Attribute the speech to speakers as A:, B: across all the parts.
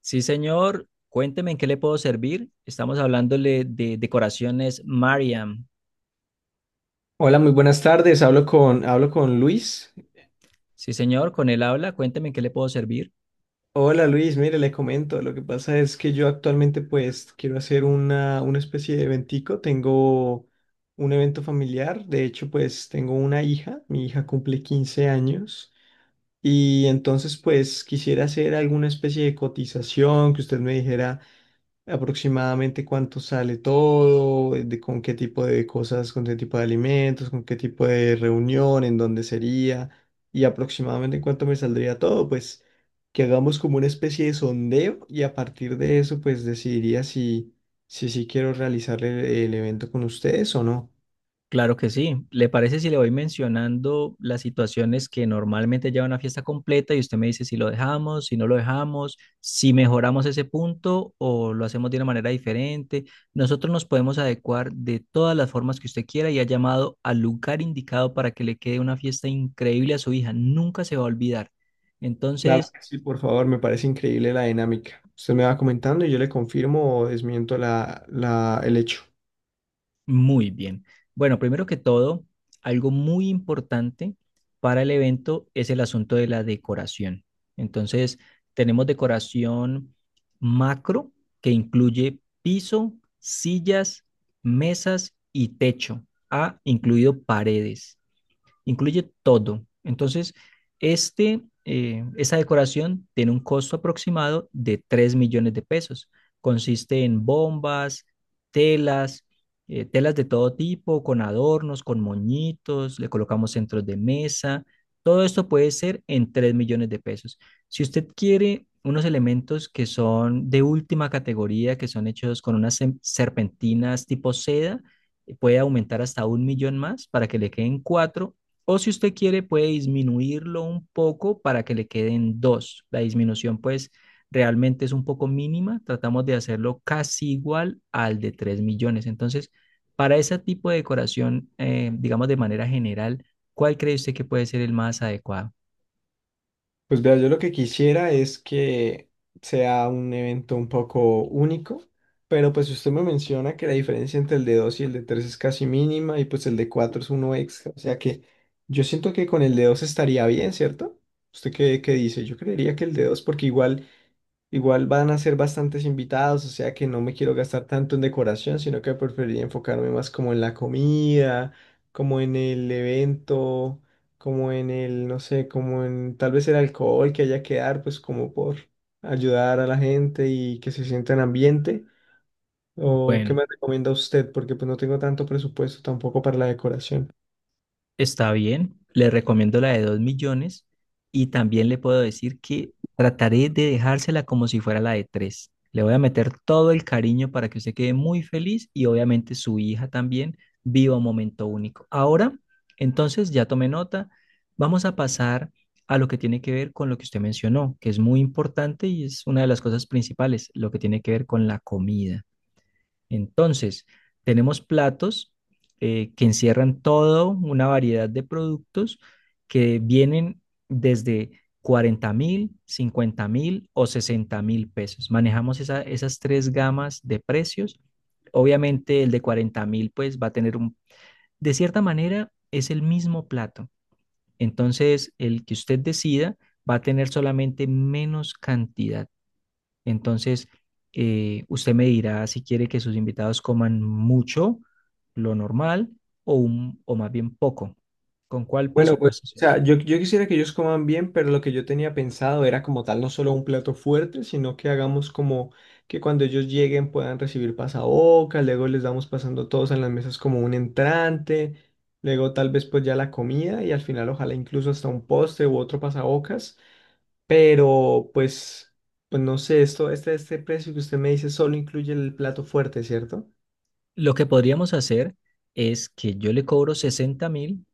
A: Sí, señor. Cuénteme en qué le puedo servir. Estamos hablándole de decoraciones Mariam.
B: Hola, muy buenas tardes. Hablo con Luis.
A: Sí, señor, con él habla. Cuénteme en qué le puedo servir.
B: Hola Luis, mire, le comento. Lo que pasa es que yo actualmente pues quiero hacer una especie de eventico. Tengo un evento familiar. De hecho, pues tengo una hija. Mi hija cumple 15 años. Y entonces pues quisiera hacer alguna especie de cotización que usted me dijera aproximadamente cuánto sale todo, de con qué tipo de cosas, con qué tipo de alimentos, con qué tipo de reunión, en dónde sería y aproximadamente cuánto me saldría todo, pues que hagamos como una especie de sondeo y a partir de eso pues decidiría si si sí quiero realizar el evento con ustedes o no.
A: Claro que sí. ¿Le parece si le voy mencionando las situaciones que normalmente lleva una fiesta completa y usted me dice si lo dejamos, si no lo dejamos, si mejoramos ese punto o lo hacemos de una manera diferente? Nosotros nos podemos adecuar de todas las formas que usted quiera y ha llamado al lugar indicado para que le quede una fiesta increíble a su hija. Nunca se va a olvidar.
B: Claro
A: Entonces,
B: que sí, por favor, me parece increíble la dinámica. Usted me va comentando y yo le confirmo o desmiento el hecho.
A: muy bien. Bueno, primero que todo, algo muy importante para el evento es el asunto de la decoración. Entonces, tenemos decoración macro que incluye piso, sillas, mesas y techo, ah, incluido paredes, incluye todo. Entonces, este, esa decoración tiene un costo aproximado de 3 millones de pesos. Consiste en bombas, telas, telas de todo tipo, con adornos, con moñitos, le colocamos centros de mesa. Todo esto puede ser en 3 millones de pesos. Si usted quiere unos elementos que son de última categoría, que son hechos con unas serpentinas tipo seda, puede aumentar hasta 1 millón más para que le queden cuatro o si usted quiere, puede disminuirlo un poco para que le queden dos. La disminución, pues, realmente es un poco mínima. Tratamos de hacerlo casi igual al de 3 millones. Entonces, para ese tipo de decoración, digamos de manera general, ¿cuál cree usted que puede ser el más adecuado?
B: Pues vea, yo lo que quisiera es que sea un evento un poco único, pero pues usted me menciona que la diferencia entre el de 2 y el de 3 es casi mínima y pues el de 4 es uno extra, o sea que yo siento que con el de 2 estaría bien, ¿cierto? ¿Usted qué dice? Yo creería que el de 2 porque igual igual van a ser bastantes invitados, o sea que no me quiero gastar tanto en decoración, sino que preferiría enfocarme más como en la comida, como en el evento, como en el, no sé, como en tal vez el alcohol que haya que dar, pues como por ayudar a la gente y que se sienta en ambiente. ¿O qué
A: Bueno.
B: me recomienda usted? Porque pues no tengo tanto presupuesto tampoco para la decoración.
A: Está bien, le recomiendo la de 2 millones y también le puedo decir que trataré de dejársela como si fuera la de 3. Le voy a meter todo el cariño para que usted quede muy feliz y obviamente su hija también viva un momento único. Ahora, entonces ya tomé nota, vamos a pasar a lo que tiene que ver con lo que usted mencionó, que es muy importante y es una de las cosas principales, lo que tiene que ver con la comida. Entonces, tenemos platos que encierran toda una variedad de productos que vienen desde 40.000, 50.000 o 60.000 pesos. Manejamos esas tres gamas de precios. Obviamente el de 40.000 pues va a tener un, de cierta manera es el mismo plato. Entonces el que usted decida va a tener solamente menos cantidad. Entonces, usted me dirá si quiere que sus invitados coman mucho, lo normal, o, o más bien poco. ¿Con cuál
B: Bueno, pues,
A: presupuesto
B: o
A: se va?
B: sea, yo quisiera que ellos coman bien, pero lo que yo tenía pensado era como tal no solo un plato fuerte, sino que hagamos como que cuando ellos lleguen puedan recibir pasabocas, luego les damos pasando todos en las mesas como un entrante, luego tal vez pues ya la comida y al final ojalá incluso hasta un postre u otro pasabocas, pero pues, pues no sé, este precio que usted me dice solo incluye el plato fuerte, ¿cierto?
A: Lo que podríamos hacer es que yo le cobro 60.000,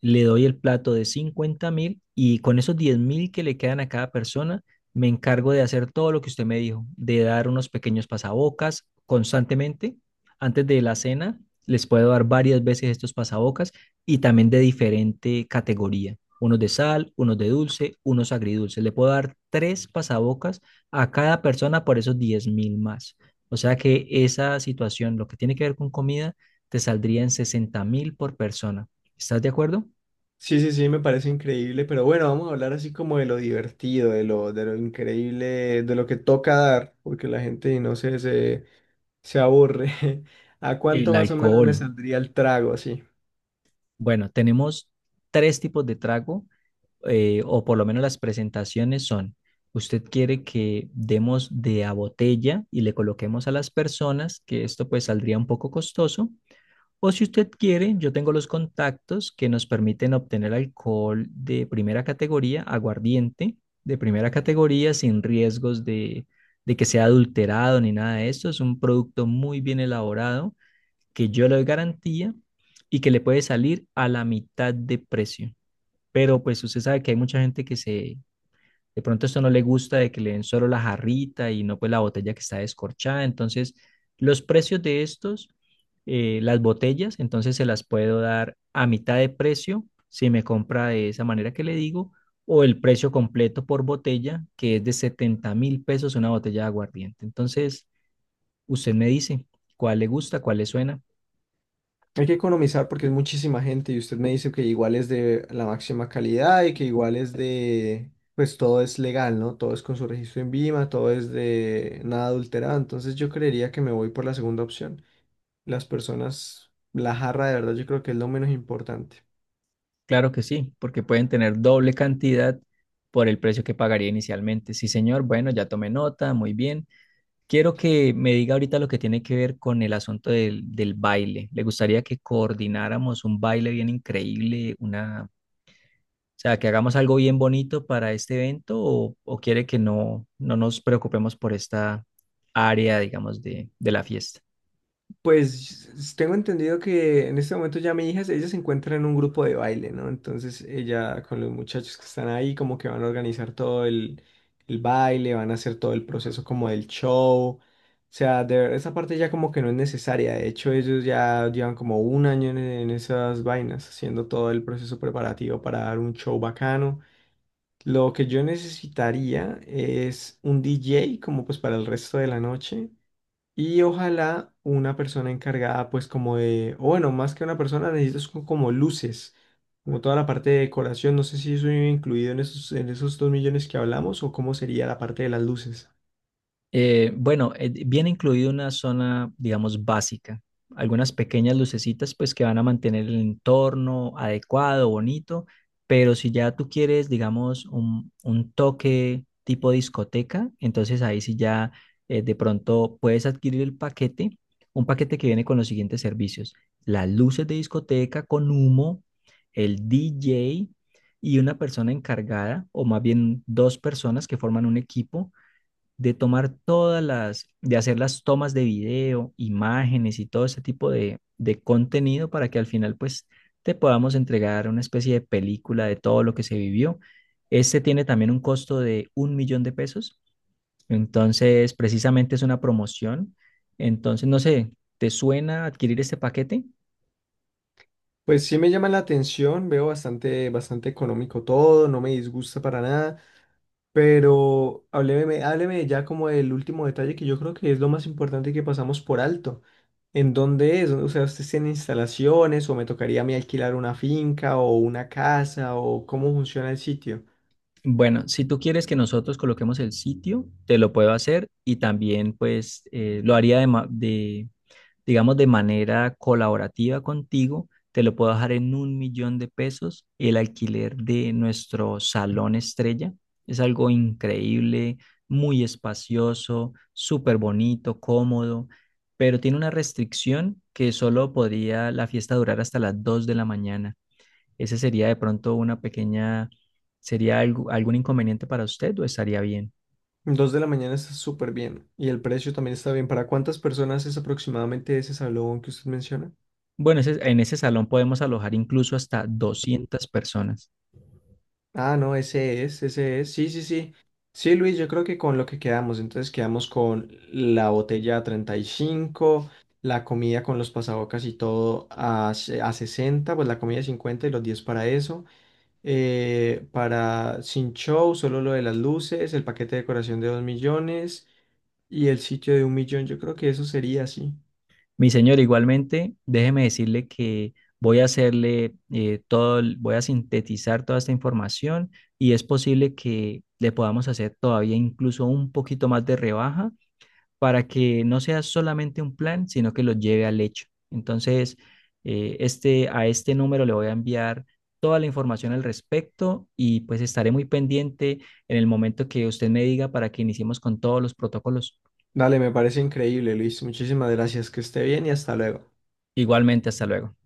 A: le doy el plato de 50.000 y con esos 10.000 que le quedan a cada persona, me encargo de hacer todo lo que usted me dijo, de dar unos pequeños pasabocas constantemente. Antes de la cena, les puedo dar varias veces estos pasabocas y también de diferente categoría. Unos de sal, unos de dulce, unos agridulces. Le puedo dar tres pasabocas a cada persona por esos 10.000 más. O sea que esa situación, lo que tiene que ver con comida, te saldría en 60.000 por persona. ¿Estás de acuerdo?
B: Sí, sí, sí, me parece increíble, pero bueno, vamos a hablar así como de lo divertido, de lo increíble, de lo que toca dar, porque la gente, no sé, se aburre. ¿A cuánto
A: El
B: más o menos me
A: alcohol.
B: saldría el trago así?
A: Bueno, tenemos tres tipos de trago, o por lo menos las presentaciones son, usted quiere que demos de a botella y le coloquemos a las personas, que esto pues saldría un poco costoso, o si usted quiere, yo tengo los contactos que nos permiten obtener alcohol de primera categoría, aguardiente de primera categoría, sin riesgos de que sea adulterado ni nada de eso, es un producto muy bien elaborado que yo le doy garantía y que le puede salir a la mitad de precio. Pero pues usted sabe que hay mucha gente que se, de pronto esto no le gusta de que le den solo la jarrita y no pues la botella que está descorchada. Entonces, los precios de estos, las botellas, entonces se las puedo dar a mitad de precio si me compra de esa manera que le digo, o el precio completo por botella, que es de 70.000 pesos una botella de aguardiente. Entonces, usted me dice cuál le gusta, cuál le suena.
B: Hay que economizar porque es muchísima gente y usted me dice que igual es de la máxima calidad y que igual es de, pues todo es legal, ¿no? Todo es con su registro en Vima, todo es de nada adulterado, entonces yo creería que me voy por la segunda opción. Las personas, la jarra de verdad yo creo que es lo menos importante.
A: Claro que sí, porque pueden tener doble cantidad por el precio que pagaría inicialmente. Sí, señor, bueno, ya tomé nota, muy bien. Quiero que me diga ahorita lo que tiene que ver con el asunto del baile. Le gustaría que coordináramos un baile bien increíble, una, o sea, que hagamos algo bien bonito para este evento o quiere que no, no nos preocupemos por esta área, digamos, de la fiesta.
B: Pues tengo entendido que en este momento ya mi hija, ella se encuentra en un grupo de baile, ¿no? Entonces ella con los muchachos que están ahí como que van a organizar todo el baile, van a hacer todo el proceso como del show. O sea, de verdad, esa parte ya como que no es necesaria. De hecho, ellos ya llevan como un año en esas vainas, haciendo todo el proceso preparativo para dar un show bacano. Lo que yo necesitaría es un DJ como pues para el resto de la noche y ojalá una persona encargada, pues como de, o bueno, más que una persona, necesitas como luces, como toda la parte de decoración. No sé si eso iba incluido en en esos 2 millones que hablamos o cómo sería la parte de las luces.
A: Bueno, viene incluido una zona, digamos, básica. Algunas pequeñas lucecitas, pues, que van a mantener el entorno adecuado, bonito. Pero si ya tú quieres, digamos, un toque tipo discoteca, entonces ahí sí ya de pronto puedes adquirir el paquete, un paquete que viene con los siguientes servicios: las luces de discoteca con humo, el DJ y una persona encargada, o más bien dos personas que forman un equipo de tomar todas las, de hacer las tomas de video, imágenes y todo ese tipo de contenido para que al final pues te podamos entregar una especie de película de todo lo que se vivió. Este tiene también un costo de 1 millón de pesos, entonces precisamente es una promoción. Entonces, no sé, ¿te suena adquirir este paquete?
B: Pues sí me llama la atención, veo bastante económico todo, no me disgusta para nada, pero hábleme ya como del último detalle que yo creo que es lo más importante que pasamos por alto. ¿En dónde es? O sea, ¿ustedes tienen instalaciones o me tocaría a mí alquilar una finca o una casa o cómo funciona el sitio?
A: Bueno, si tú quieres que nosotros coloquemos el sitio, te lo puedo hacer y también pues lo haría de, digamos, de manera colaborativa contigo, te lo puedo dejar en 1 millón de pesos el alquiler de nuestro salón estrella. Es algo increíble, muy espacioso, súper bonito, cómodo, pero tiene una restricción que solo podría la fiesta durar hasta las 2 de la mañana. Ese sería de pronto una pequeña, ¿sería algún inconveniente para usted o estaría bien?
B: Dos de la mañana está súper bien y el precio también está bien. ¿Para cuántas personas es aproximadamente ese salón que usted menciona?
A: Bueno, en ese salón podemos alojar incluso hasta 200 personas.
B: Ah, no, ese es. Sí, sí, sí. Sí, Luis, yo creo que con lo que quedamos, entonces quedamos con la botella a 35, la comida con los pasabocas y todo a, a 60, pues la comida 50 y los 10 para eso. Para Sin Show, solo lo de las luces, el paquete de decoración de 2 millones y el sitio de 1 millón. Yo creo que eso sería así.
A: Mi señor, igualmente, déjeme decirle que voy a hacerle todo, voy a sintetizar toda esta información y es posible que le podamos hacer todavía incluso un poquito más de rebaja para que no sea solamente un plan, sino que lo lleve al hecho. Entonces, este, a este número le voy a enviar toda la información al respecto y pues estaré muy pendiente en el momento que usted me diga para que iniciemos con todos los protocolos.
B: Dale, me parece increíble, Luis. Muchísimas gracias. Que esté bien y hasta luego.
A: Igualmente, hasta luego.